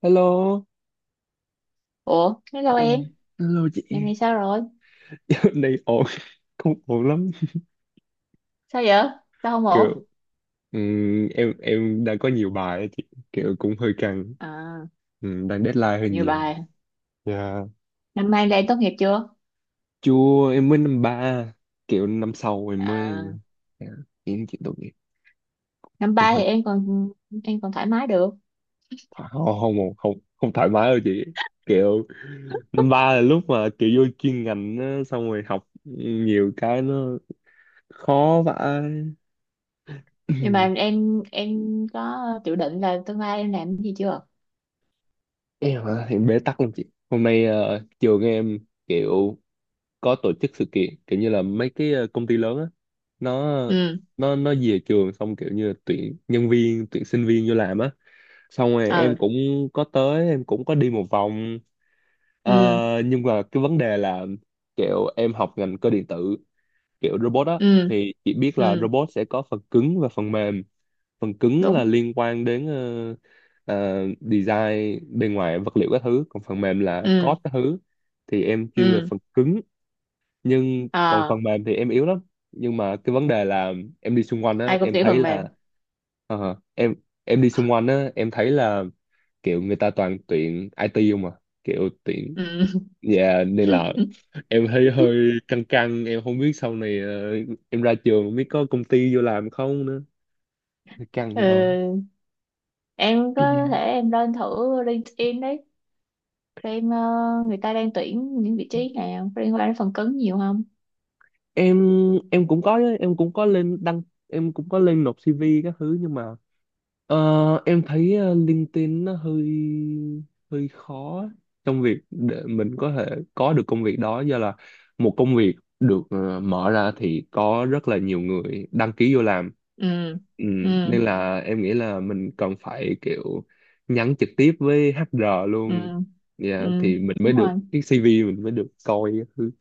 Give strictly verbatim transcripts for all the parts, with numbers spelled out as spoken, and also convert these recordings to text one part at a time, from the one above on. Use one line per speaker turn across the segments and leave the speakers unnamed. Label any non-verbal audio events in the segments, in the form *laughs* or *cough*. Hello.
Ủa, hello em,
*clears throat* Hello
giờ
chị.
này sao rồi?
*laughs* Dạo này ổn, không ổn lắm.
Sao vậy? Sao không ổn?
Kiểu ừm, em em đang có nhiều bài á chị, kiểu cũng hơi căng.
À,
Ừm, đang deadline hơi
nhiều
nhiều.
bài.
Dạ,
Năm nay là em tốt nghiệp chưa?
Chua em mới năm ba, kiểu năm sau em
À,
mới, dạ, em chị tốt nghiệp,
năm
cũng
ba
hơi
thì em còn em còn thoải mái được.
thoải- không không không không thoải mái đâu chị. Kiểu năm ba là lúc mà kiểu vô chuyên ngành á, xong rồi học nhiều cái nó khó vãi.
Nhưng mà
*clears throat*
em em có dự định là tương lai em làm cái gì chưa?
Em hả thì bế tắc lắm chị. Hôm nay ờ, trường em kiểu có tổ chức sự kiện kiểu như là mấy cái ờ, công ty lớn á, nó
Ừ,
nó nó về trường xong kiểu như là tuyển nhân viên, tuyển sinh viên vô làm á, xong rồi em
ừ,
cũng có tới, em cũng có đi một vòng.
ừ,
Ờ, nhưng mà cái vấn đề là kiểu em học ngành cơ điện tử, kiểu robot á,
ừ,
thì chị biết là
ừ,
robot sẽ có phần cứng và phần mềm. Phần cứng là
đúng,
liên quan đến ờ, ờ, design bên ngoài vật liệu các thứ, còn phần mềm là
ừ,
code các thứ. Thì em chuyên về
ừ,
phần cứng, nhưng còn phần
à,
mềm thì em yếu lắm. Nhưng mà cái vấn đề là em đi xung quanh á,
ai cũng
em
tiểu
thấy
phần mềm.
là ờ, em em đi xung quanh á, em thấy là kiểu người ta toàn tuyển i tê không à, kiểu tuyển,
Ừ.
yeah, nên là
*laughs*
em thấy hơi căng căng. Em không biết sau này ờ, em ra trường không biết có công ty vô làm không nữa, căng vậy thôi.
Ừ. Em có thể
*clears throat*
em lên thử LinkedIn đấy, xem ờ, người ta đang tuyển những vị trí nào liên quan đến phần cứng nhiều không?
em em cũng có, em cũng có lên đăng, em cũng có lên nộp xê vê các thứ, nhưng mà ờ, em thấy ờ, LinkedIn nó hơi hơi khó trong việc để mình có thể có được công việc đó, do là một công việc được ờ, mở ra thì có rất là nhiều người đăng ký vô làm.
Ừ,
Ừ,
ừ,
nên là em nghĩ là mình cần phải kiểu nhắn trực tiếp với hát e rờ
ừ,
luôn.
ừ,
Dạ, thì mình mới
đúng rồi.
được cái xê vê, mình mới được coi các thứ.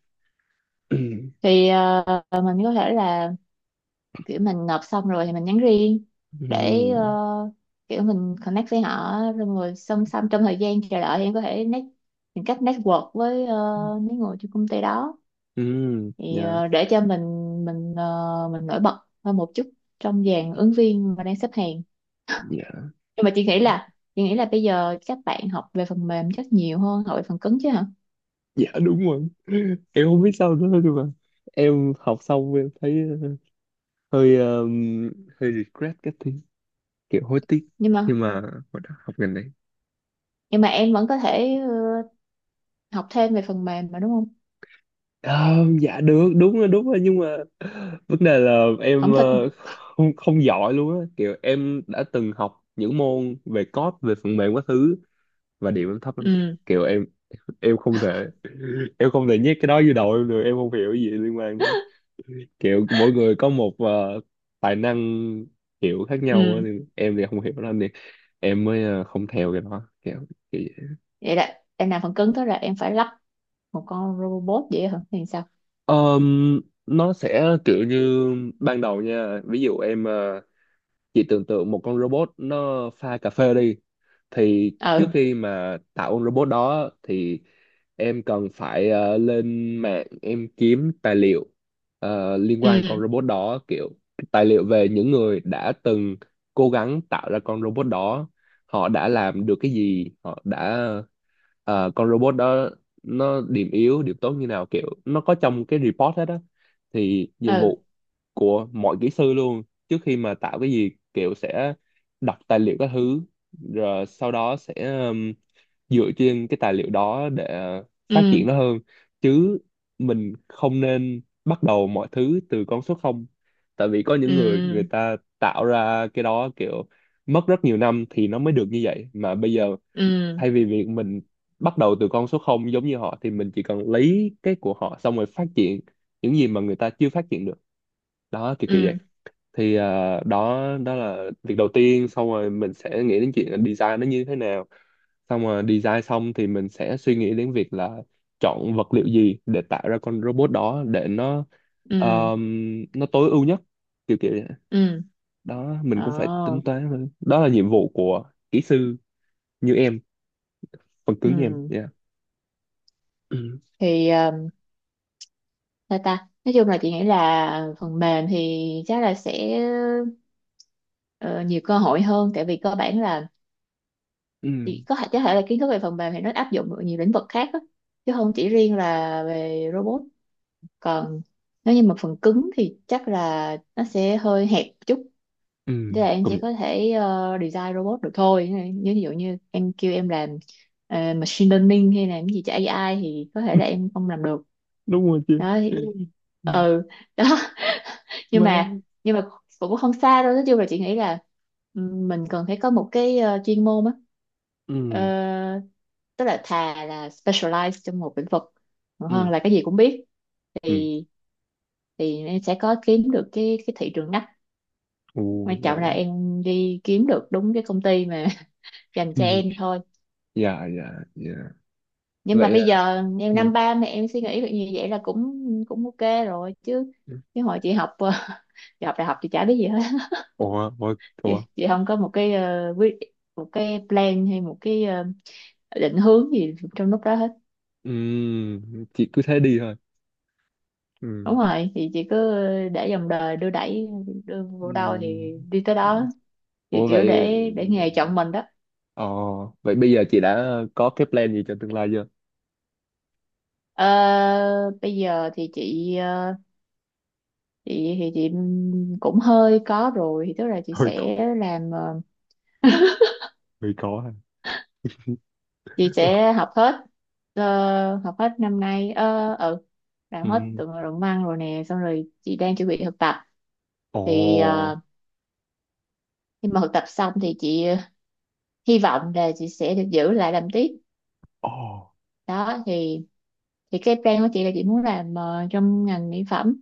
*clears throat*
Thì ờ, mình có thể là kiểu mình nộp xong rồi thì mình nhắn riêng,
Ừ.
để ờ, kiểu mình connect với họ, rồi ngồi song song trong thời gian chờ đợi thì em có thể net, tìm cách network với ờ, mấy người trong công ty đó,
Ừ,
thì
dạ,
ờ, để cho mình mình ờ, mình nổi bật hơn một chút trong dàn ứng viên mà đang xếp hàng.
dạ,
Nhưng mà chị nghĩ là chị nghĩ là bây giờ các bạn học về phần mềm chắc nhiều hơn học về phần cứng chứ hả?
dạ, đúng rồi. *laughs* Em không biết sao nữa, nhưng mà em học xong em thấy hơi um, hơi regret cái thứ, kiểu hối tiếc
nhưng mà
khi mà hồi đó học ngành này.
nhưng mà em vẫn có thể ờ, học thêm về phần mềm mà đúng không?
Ờ, dạ được, đúng rồi, đúng rồi, nhưng mà vấn đề là em
Không thích?
ờ, không không giỏi luôn á, kiểu em đã từng học những môn về code, về phần mềm các thứ, và điểm em thấp lắm chị.
Ừ,
Kiểu em em không thể *laughs* em không thể nhét cái đó vô đầu em được, em không hiểu gì liên quan đó. Kiểu mỗi người có một ờ, tài năng kiểu khác nhau á,
ừ.
nên em thì không hiểu lắm, nên em mới ờ, không theo cái đó, kiểu kiểu vậy.
Vậy là em làm phần cứng tới là em phải lắp một con robot vậy hả? Thì sao?
Ờm, nó sẽ kiểu như ban đầu nha, ví dụ em ờ, chỉ tưởng tượng một con robot nó pha cà phê đi, thì trước
Ừ,
khi mà tạo con robot đó thì em cần phải ờ, lên mạng em kiếm tài liệu ờ, liên quan con
ừ,
robot đó, kiểu tài liệu về những người đã từng cố gắng tạo ra con robot đó, họ đã làm được cái gì, họ đã ờ, con robot đó nó điểm yếu điểm tốt như nào, kiểu nó có trong cái report hết á. Thì nhiệm
ừ,
vụ của mọi kỹ sư luôn, trước khi mà tạo cái gì kiểu sẽ đọc tài liệu các thứ, rồi sau đó sẽ um, dựa trên cái tài liệu đó để phát
ừ,
triển nó hơn, chứ mình không nên bắt đầu mọi thứ từ con số không. Tại vì có những người, người
ừ,
ta tạo ra cái đó kiểu mất rất nhiều năm thì nó mới được như vậy, mà bây giờ
ừ,
thay vì việc mình bắt đầu từ con số không giống như họ, thì mình chỉ cần lấy cái của họ xong rồi phát triển những gì mà người ta chưa phát triển được đó, kiểu kiểu vậy.
ừ,
Thì à, đó, đó là việc đầu tiên, xong rồi mình sẽ nghĩ đến chuyện là design nó như thế nào, xong rồi design xong thì mình sẽ suy nghĩ đến việc là chọn vật liệu gì để tạo ra con robot đó để nó
ừ,
um, nó tối ưu nhất, kiểu kiểu vậy.
ừ,
Đó,
ờ,
mình cũng phải tính toán thôi. Đó là nhiệm vụ của kỹ sư như em, phần cứng như em,
ừ.
yeah. Ừ,
Thì ờ, sao ta, nói chung là chị nghĩ là phần mềm thì chắc là sẽ ờ, nhiều cơ hội hơn, tại vì cơ bản là,
ừ,
thì có thể có thể là kiến thức về phần mềm thì nó áp dụng ở nhiều lĩnh vực khác á, chứ không chỉ riêng là về robot. Còn nếu như mà phần cứng thì chắc là nó sẽ hơi hẹp một chút,
ừ,
thế là em
công
chỉ
nhận
có thể ờ, design robot được thôi, như ví dụ như em kêu em làm ờ, machine learning hay làm cái gì cho a i thì có thể là em không làm được.
đúng rồi chứ.
Đó thì,
Ừ,
ừ, đó. nhưng mà
má.
nhưng mà cũng không xa đâu, nói chung là chị nghĩ là ừm, mình cần phải có một cái ờ, chuyên môn á.
Ừ,
Ờ, tức là thà là specialize trong một lĩnh vực còn hơn
ừ,
là cái gì cũng biết,
ừ.
thì thì em sẽ có kiếm được cái cái thị trường ngách,
Ồ,
quan
dạ.
trọng là em đi kiếm được đúng cái công ty mà *laughs* dành cho
Ừ,
em thôi.
dạ, dạ, dạ.
Nhưng mà
Vậy
bây
à,
giờ em
ừ.
năm ba mà em suy nghĩ được như vậy là cũng cũng ok rồi chứ, chứ hồi chị học *laughs* chị học đại học chị chả biết gì hết.
Ủa, ủa, ủa.
Chị chị không có một cái ờ, quyết một cái plan hay một cái ờ, định hướng gì trong lúc đó hết.
Ừ, chị cứ thế đi thôi. Ừ.
Đúng rồi, thì chị cứ để dòng đời đưa đẩy, đưa vô đâu
Ừm.
thì đi tới đó, thì
Ủa
kiểu
vậy
để để nghề chọn mình đó.
ờ, vậy bây giờ chị đã có cái plan gì cho tương lai chưa? *laughs*
Ờ, bây giờ thì chị ờ, chị thì chị cũng hơi có rồi, thì tức là chị
Hơi có,
sẽ làm ờ,
hơi có ha.
chị
*laughs*
sẽ
Ok.
học hết ờ, học hết năm nay, ờ ừ làm hết
Ừ.
từ ngữ luận văn rồi nè, xong rồi chị đang chuẩn bị thực tập. Thì
Ồ.
ờ, khi mà học tập xong thì chị ờ, hy vọng là chị sẽ được giữ lại làm tiếp,
Ồ.
đó thì thì cái plan của chị là chị muốn làm ờ, trong ngành mỹ phẩm.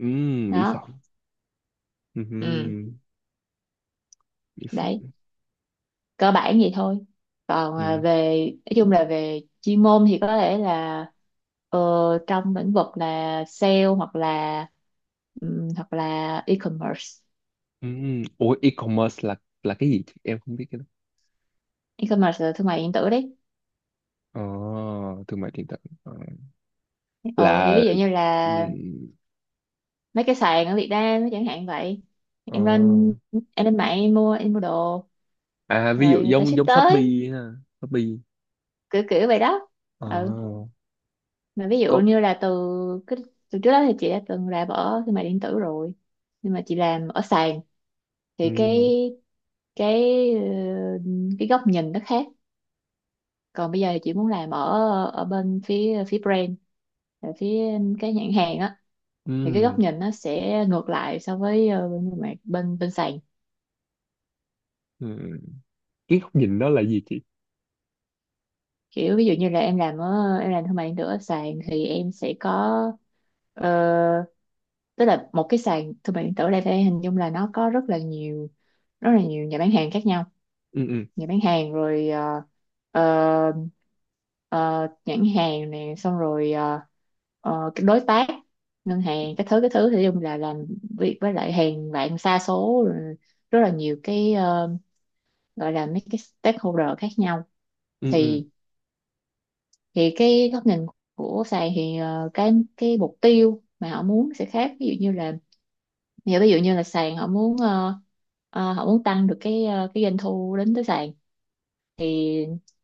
Ừ, mỹ
Đó.
phẩm. Ừ,
Ừ.
mỹ phẩm.
Đấy. Cơ bản vậy thôi. Còn ờ,
Ừ.
về, nói chung là về chuyên môn thì có thể là ờ, trong lĩnh vực là sale, hoặc là ừm, hoặc là e-commerce.
Ừ. Ủa, e-commerce là là cái gì chị? Em không biết cái đó.
E-commerce là thương mại điện tử đấy.
Ờ, thương mại điện tử. Ờ,
ờ thì
là
ví dụ như
ừ,
là mấy cái sàn ở Việt Nam chẳng hạn vậy,
ờ.
em lên em lên mạng em mua em mua đồ,
À, ví dụ
rồi người ta
giống
ship
giống
tới,
Shopee ha, Shopee.
kiểu kiểu vậy đó.
Ờ,
Ừ. Mà ví dụ
có
như là từ cái từ trước đó thì chị đã từng làm ở thương mại điện tử rồi, nhưng mà chị làm ở sàn, thì cái
ừ.
cái ờ, cái góc nhìn nó khác. Còn bây giờ thì chị muốn làm ở ở bên phía phía brand, ở phía cái nhãn hàng á, thì cái
Ừ.
góc nhìn nó sẽ ngược lại so với ờ, bên bên bên bên sàn.
Ừ. Cái góc nhìn đó là gì chị?
Kiểu ví dụ như là em làm ở em làm thương mại điện tử ở sàn thì em sẽ có ờ, tức là một cái sàn thương mại điện tử ở đây phải hình dung là nó có rất là nhiều rất là nhiều nhà bán hàng khác nhau.
Ừ, ừ,
Nhà bán hàng, rồi ờ, ờ, ờ, nhãn hàng nè, xong rồi ờ, ờ, cái đối tác, ngân hàng, cái thứ cái thứ thì dùng là làm việc với lại hàng vạn sa số, rồi rất là nhiều cái ờ, gọi là mấy cái stakeholder khác nhau.
ừ, ừ,
Thì thì cái góc nhìn của sàn thì ờ, cái cái mục tiêu mà họ muốn sẽ khác, ví dụ như là nghĩa ví dụ như là sàn họ muốn ờ, ờ, họ muốn tăng được cái ờ, cái doanh thu đến tới sàn, thì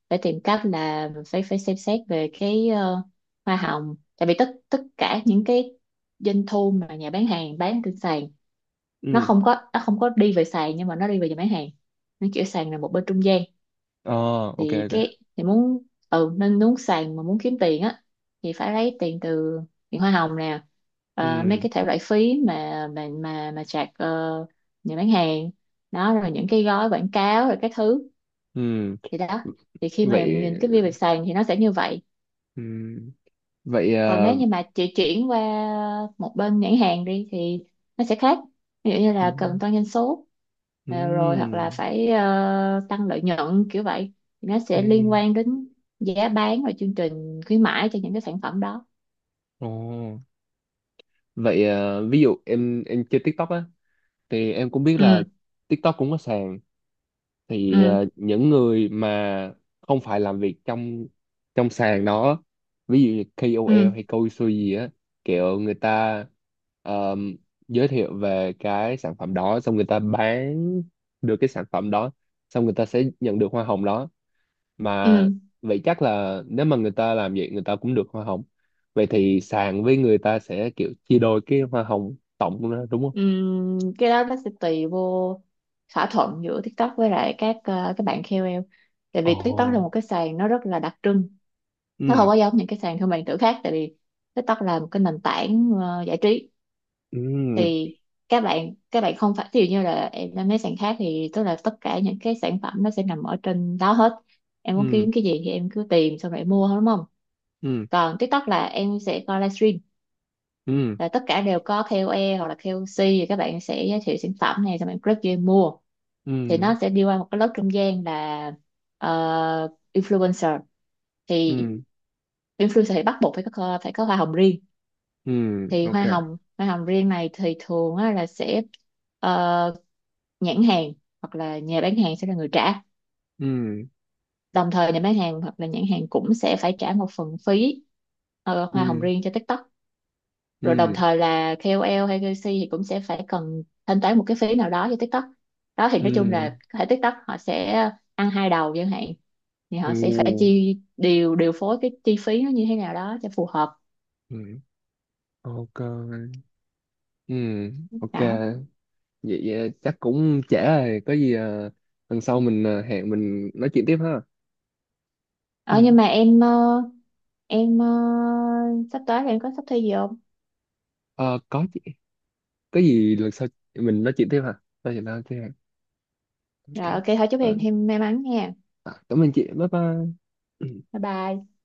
phải tìm cách là phải phải xem xét về cái ờ, hoa hồng, tại vì tất tất cả những cái doanh thu mà nhà bán hàng bán trên sàn nó
ừ,
không có nó không có đi về sàn, nhưng mà nó đi về nhà bán hàng, nó kiểu sàn là một bên trung gian.
ờ, ok,
Thì
ok,
cái thì muốn, ừ nên muốn sàn mà muốn kiếm tiền á, thì phải lấy tiền từ tiền hoa hồng nè, ờ, mấy
ừ,
cái thể loại phí mà mà mà mà chạc ờ, nhà bán hàng đó, rồi những cái gói quảng cáo rồi các thứ.
ừ,
Thì đó, thì khi mà
vậy,
nhìn cái view về sàn thì nó sẽ như vậy.
ừ. Vậy
Còn
à,
nếu như mà chị chuyển qua một bên nhãn hàng đi thì nó sẽ khác, ví dụ như
ừ,
là cần tăng doanh số, ờ, rồi hoặc
ừ,
là phải ờ, tăng lợi nhuận kiểu vậy. Thì nó sẽ liên
ừ,
quan đến giá bán và chương trình khuyến mãi cho những cái sản phẩm đó.
ồ. Vậy à, ví dụ em em chơi TikTok á, thì em cũng biết là
Ừ,
TikTok cũng có sàn. Thì ờ,
ừ,
những người mà không phải làm việc trong trong sàn đó, ví dụ như ca ô lờ
ừ,
hay câu xuôi gì á, kiểu người ta ờm, giới thiệu về cái sản phẩm đó, xong người ta bán được cái sản phẩm đó, xong người ta sẽ nhận được hoa hồng đó mà.
ừ,
Vậy chắc là nếu mà người ta làm vậy người ta cũng được hoa hồng, vậy thì sàn với người ta sẽ kiểu chia đôi cái hoa hồng tổng đó đúng không?
ừ. Cái đó nó sẽ tùy vô thỏa thuận giữa TikTok với lại các ờ, các bạn kây âu eo, tại vì TikTok
Ồ.
là một cái sàn nó rất là đặc trưng, nó
Ừ,
không có giống những cái sàn thương mại điện tử khác, tại vì TikTok là một cái nền tảng ờ, giải trí.
ừ,
Thì các bạn các bạn không phải, ví dụ như là em lên mấy sàn khác thì tức là tất cả những cái sản phẩm nó sẽ nằm ở trên đó hết, em muốn
ừ,
kiếm cái gì thì em cứ tìm xong rồi em mua thôi đúng không?
ừ,
Còn TikTok là em sẽ coi livestream,
ừ,
là tất cả đều có kây âu eo hoặc là ca o xê, thì các bạn sẽ giới thiệu sản phẩm này xong em click vô em mua, thì nó
ừ,
sẽ đi qua một cái lớp trung gian là ờ, influencer thì
ừ,
influencer thì bắt buộc phải có phải có hoa hồng riêng.
ừ,
Thì
ok,
hoa hồng hoa hồng riêng này thì thường á, là sẽ ờ, nhãn hàng hoặc là nhà bán hàng sẽ là người trả.
ừ,
Đồng thời nhà bán hàng hoặc là nhãn hàng cũng sẽ phải trả một phần phí ờ, hoa hồng
ừ,
riêng cho TikTok, rồi đồng
ừ,
thời là kây âu eo hay kây xi thì cũng sẽ phải cần thanh toán một cái phí nào đó cho TikTok. Đó thì nói chung
ừ,
là hệ TikTok họ sẽ ăn hai đầu chẳng hạn, thì họ sẽ phải
ừ,
chi điều điều phối cái chi phí nó như thế nào đó cho phù hợp.
ừ, ok, ừ, ok.
Đó,
Vậy, vậy chắc cũng trễ rồi, có gì à, lần sau mình à, hẹn mình nói chuyện tiếp ha. *clears throat*
ờ,
Ừ.
nhưng mà em ờ, em ờ, sắp tới thì em có sắp thi gì không?
Ờ, có gì, có gì lần sau mình nói chuyện tiếp hả? Nói chuyện sau tiếp ha. Ok.
Rồi ok thôi, chúc
Ờ,
em thêm may mắn nha.
à, cảm ơn chị, bye bye. Ừ.
Bye bye.